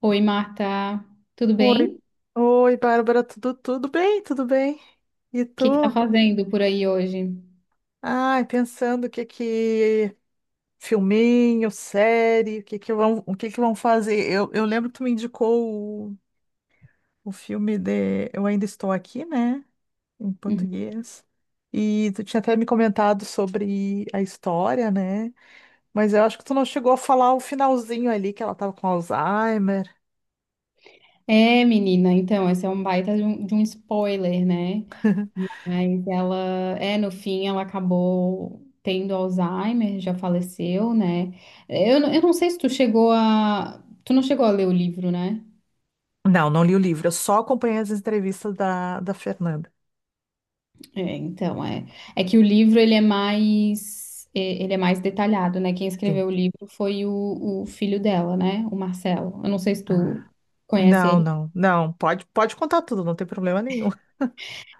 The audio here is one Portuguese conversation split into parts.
Oi, Marta, tudo Oi, bem? O Bárbara, tudo bem? Tudo bem? E que que tá tu? fazendo por aí hoje? Ai, pensando o que que filminho, série, o que que o que que vão fazer? Eu lembro que tu me indicou o filme de Eu Ainda Estou Aqui, né? Em Uhum. português. E tu tinha até me comentado sobre a história, né? Mas eu acho que tu não chegou a falar o finalzinho ali que ela tava com Alzheimer. É, menina, então, esse é um baita de um spoiler, né? Mas ela, é, no fim, ela acabou tendo Alzheimer, já faleceu, né? Eu não sei se tu chegou a... Tu não chegou a ler o livro, né? Não, não li o livro, eu só acompanhei as entrevistas da Fernanda. É, então, é... É que o livro, ele é mais... Ele é mais detalhado, né? Quem Sim. escreveu o livro foi o filho dela, né? O Marcelo. Eu não sei se tu Ah. conhece Não, ele. não, não. Pode, pode contar tudo, não tem problema nenhum.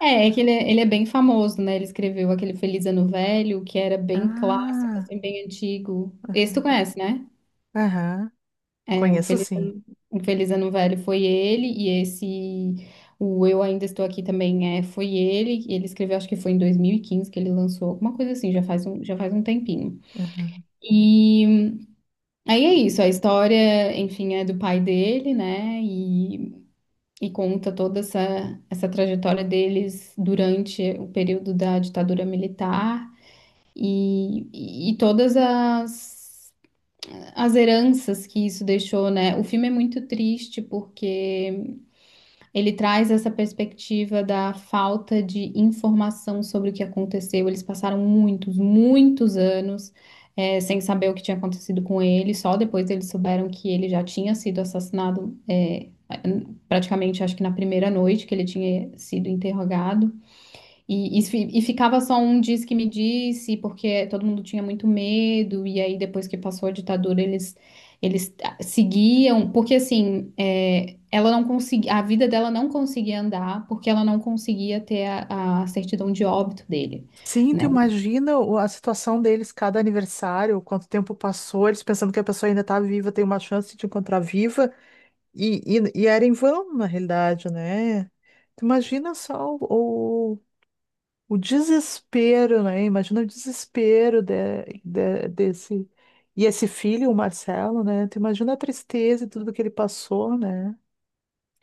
É, ele é bem famoso, né? Ele escreveu aquele Feliz Ano Velho, que era bem clássico, Ah, assim, bem antigo. Esse tu conhece, né? aham, É, o conheço Feliz sim. Ano, o Feliz Ano Velho foi ele, e esse, o Eu Ainda Estou Aqui também foi ele. Ele escreveu, acho que foi em 2015 que ele lançou, alguma coisa assim, já faz um tempinho. Aham. E aí é isso, a história, enfim, é do pai dele, né? E conta toda essa trajetória deles durante o período da ditadura militar. E todas as heranças que isso deixou, né? O filme é muito triste porque ele traz essa perspectiva da falta de informação sobre o que aconteceu. Eles passaram muitos, muitos anos. Sem saber o que tinha acontecido com ele, só depois eles souberam que ele já tinha sido assassinado, praticamente acho que na primeira noite que ele tinha sido interrogado. E ficava só um diz que me disse, porque todo mundo tinha muito medo, e aí depois que passou a ditadura, eles seguiam, porque assim, é, ela não conseguia, a vida dela não conseguia andar, porque ela não conseguia ter a certidão de óbito dele, Sim, tu né? imagina a situação deles, cada aniversário, quanto tempo passou, eles pensando que a pessoa ainda tá viva, tem uma chance de te encontrar viva, e era em vão, na realidade, né? Tu imagina só o desespero, né? Imagina o desespero de, desse. E esse filho, o Marcelo, né? Tu imagina a tristeza e tudo que ele passou, né?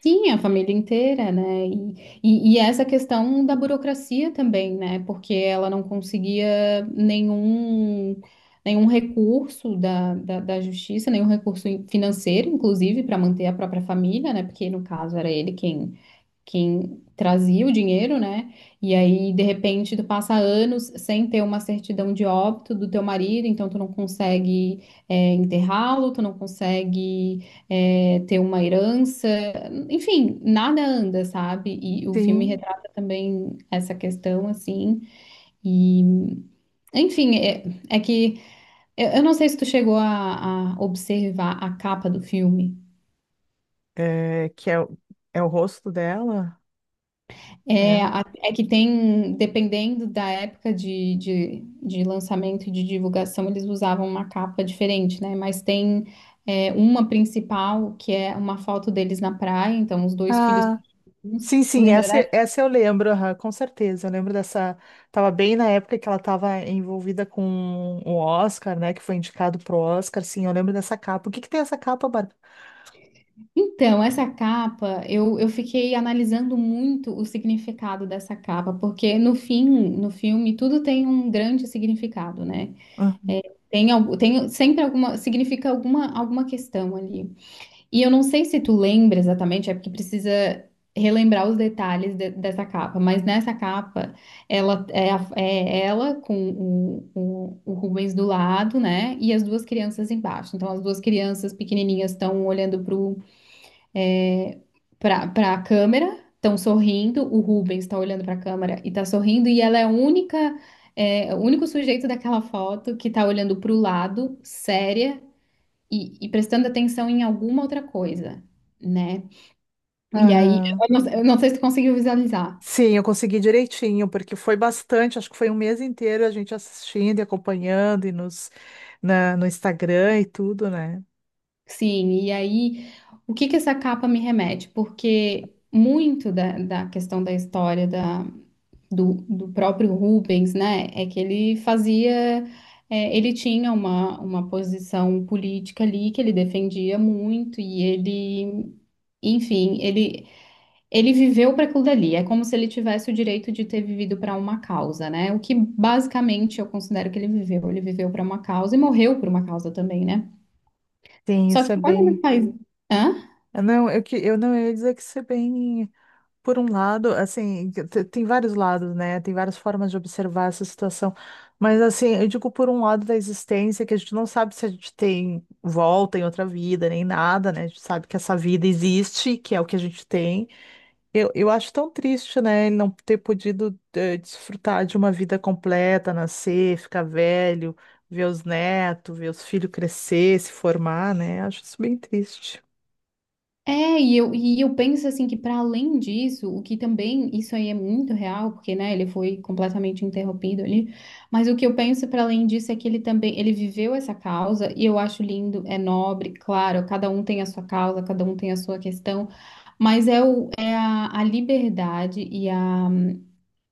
Sim, a família inteira, né? E essa questão da burocracia também, né? Porque ela não conseguia nenhum recurso da justiça, nenhum recurso financeiro, inclusive, para manter a própria família, né? Porque no caso era ele quem trazia o dinheiro, né? E aí, de repente, tu passa anos sem ter uma certidão de óbito do teu marido, então tu não consegue enterrá-lo, tu não consegue ter uma herança, enfim, nada anda, sabe? E o filme Sim, retrata também essa questão, assim, e enfim, é, é que eu não sei se tu chegou a observar a capa do filme. é, que é, é o rosto dela. É, É. É que tem, dependendo da época de lançamento e de divulgação, eles usavam uma capa diferente, né? Mas tem uma principal, que é uma foto deles na praia, então os dois filhos Ah, pequenos. sim, sim, Lembra dessa? essa eu lembro, aham, com certeza. Eu lembro dessa. Tava bem na época que ela tava envolvida com o Oscar, né? Que foi indicado pro Oscar. Sim, eu lembro dessa capa. O que que tem essa capa, Bárbara? Então, essa capa, eu fiquei analisando muito o significado dessa capa, porque no fim, no filme, tudo tem um grande significado, né? Ah, É, tem sempre alguma questão ali. E eu não sei se tu lembra exatamente, é porque precisa relembrar os detalhes dessa capa, mas nessa capa é ela com o Rubens do lado, né? E as duas crianças embaixo. Então as duas crianças pequenininhas estão olhando pro é, para a câmera, estão sorrindo. O Rubens está olhando para a câmera e tá sorrindo. E ela é o único sujeito daquela foto que tá olhando pro lado, séria e prestando atenção em alguma outra coisa, né? E aí, aham. Eu não sei se tu conseguiu visualizar. Sim, eu consegui direitinho, porque foi bastante, acho que foi um mês inteiro a gente assistindo e acompanhando e no Instagram e tudo, né? Sim, e aí, o que que essa capa me remete? Porque muito da questão da história do próprio Rubens, né, é que ele fazia. Ele tinha uma posição política ali que ele defendia muito, enfim, ele, Ele viveu para aquilo dali, é como se ele tivesse o direito de ter vivido para uma causa, né? O que basicamente eu considero que ele viveu. Ele viveu para uma causa e morreu por uma causa também, né? Sim, Só isso é que quando ele bem. faz. Hã? Eu não, eu não ia dizer que isso é bem. Por um lado, assim, tem vários lados, né? Tem várias formas de observar essa situação. Mas, assim, eu digo por um lado da existência, que a gente não sabe se a gente tem volta em outra vida, nem nada, né? A gente sabe que essa vida existe, que é o que a gente tem. Eu acho tão triste, né? Ele não ter podido, desfrutar de uma vida completa, nascer, ficar velho, ver os netos, ver os filhos crescer, se formar, né? Acho isso bem triste. E eu penso assim que para além disso, o que também, isso aí é muito real, porque né, ele foi completamente interrompido ali, mas o que eu penso para além disso é que ele viveu essa causa e eu acho lindo, é nobre, claro, cada um tem a sua causa, cada um tem a sua questão, mas a liberdade e a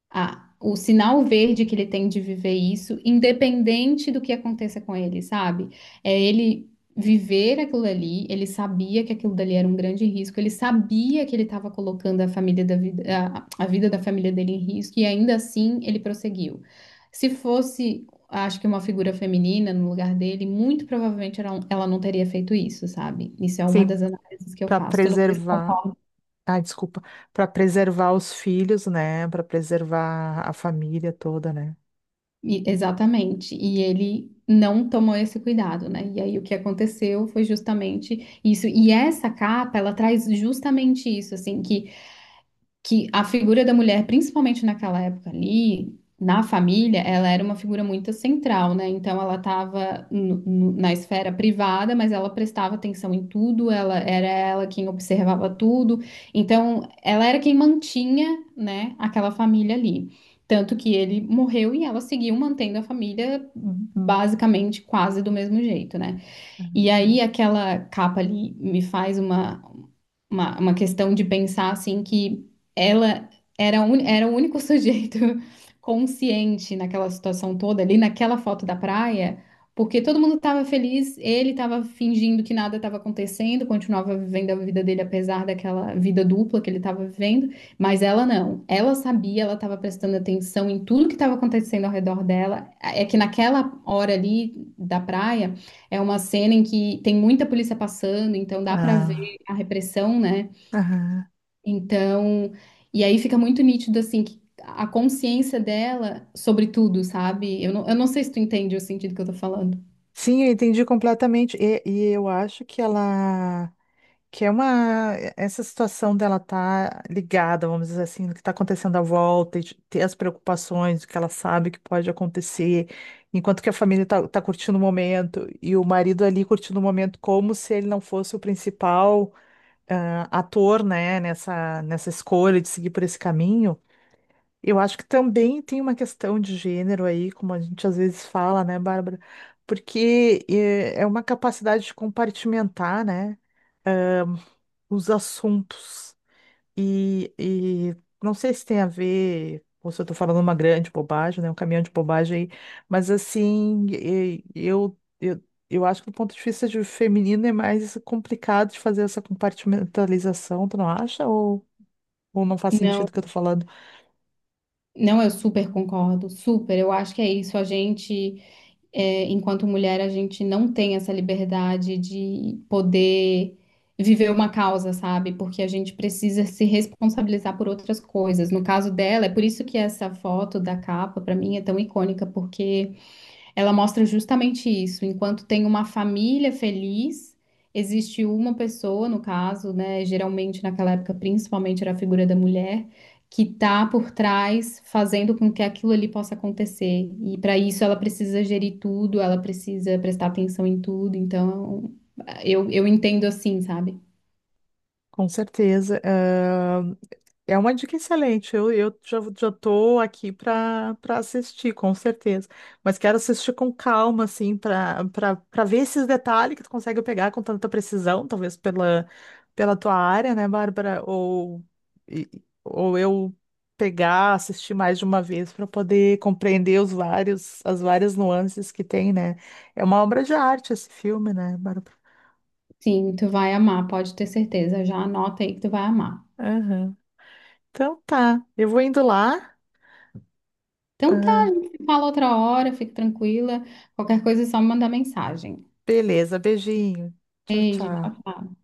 a- o sinal verde que ele tem de viver isso, independente do que aconteça com ele, sabe? É ele viver aquilo ali, ele sabia que aquilo dali era um grande risco, ele sabia que ele estava colocando a família da vida, a vida da família dele em risco, e ainda assim ele prosseguiu. Se fosse, acho que uma figura feminina no lugar dele, muito provavelmente ela não teria feito isso, sabe? Isso é uma Sim, das análises que eu para faço. Não sei se preservar. Ah, desculpa, para preservar os filhos, né? Para preservar a família toda, né? E- Exatamente. E ele não tomou esse cuidado, né? E aí o que aconteceu foi justamente isso. E essa capa, ela traz justamente isso, assim, que a figura da mulher, principalmente naquela época ali, na família, ela era uma figura muito central, né? Então ela estava na esfera privada, mas ela prestava atenção em tudo, ela quem observava tudo. Então ela era quem mantinha, né, aquela família ali. Tanto que ele morreu e ela seguiu mantendo a família basicamente quase do mesmo jeito, né? E aí aquela capa ali me faz uma questão de pensar assim que ela era o único sujeito consciente naquela situação toda, ali naquela foto da praia, porque todo mundo estava feliz, ele estava fingindo que nada estava acontecendo, continuava vivendo a vida dele apesar daquela vida dupla que ele estava vivendo, mas ela não. Ela sabia, ela estava prestando atenção em tudo que estava acontecendo ao redor dela. É que naquela hora ali da praia é uma cena em que tem muita polícia passando, então dá para ver Ah, a repressão, né? aham. Então, e aí fica muito nítido, assim, que a consciência dela sobre tudo, sabe? Eu não sei se tu entende o sentido que eu tô falando. Sim, eu entendi completamente. E eu acho que ela, que é uma, essa situação dela tá ligada, vamos dizer assim, no que está acontecendo à volta, e de ter as preocupações, o que ela sabe que pode acontecer, enquanto que a família tá curtindo o momento e o marido ali curtindo o momento como se ele não fosse o principal. Ator, né, nessa escolha de seguir por esse caminho, eu acho que também tem uma questão de gênero aí, como a gente às vezes fala, né, Bárbara? Porque é uma capacidade de compartimentar, né, os assuntos. E não sei se tem a ver, ou se eu tô falando uma grande bobagem, né, um caminhão de bobagem aí, mas assim, eu acho que do ponto de vista de feminino é mais complicado de fazer essa compartimentalização, tu não acha? Ou não faz Não, sentido o que eu tô falando. não, eu super concordo, super. Eu acho que é isso. A gente, é, enquanto mulher, a gente não tem essa liberdade de poder viver uma causa, sabe? Porque a gente precisa se responsabilizar por outras coisas. No caso dela, é por isso que essa foto da capa, pra mim, é tão icônica, porque ela mostra justamente isso. Enquanto tem uma família feliz, existe uma pessoa, no caso, né? Geralmente naquela época, principalmente era a figura da mulher, que tá por trás, fazendo com que aquilo ali possa acontecer. E para isso ela precisa gerir tudo, ela precisa prestar atenção em tudo. Então, eu entendo assim, sabe? Com certeza. É uma dica excelente. Já tô aqui para assistir, com certeza. Mas quero assistir com calma, assim, para ver esses detalhes que tu consegue pegar com tanta precisão, talvez pela tua área, né, Bárbara? Ou, e- ou eu pegar, assistir mais de uma vez para poder compreender os vários, as várias nuances que tem, né? É uma obra de arte esse filme, né, Bárbara? Sim, tu vai amar, pode ter certeza. Já anota aí que tu vai amar. Aham. Então tá, eu vou indo lá. Então tá, a Ah, gente fala outra hora, fique tranquila. Qualquer coisa é só me mandar mensagem. beleza, beijinho. Tchau, Beijo, tchau, tchau. tchau.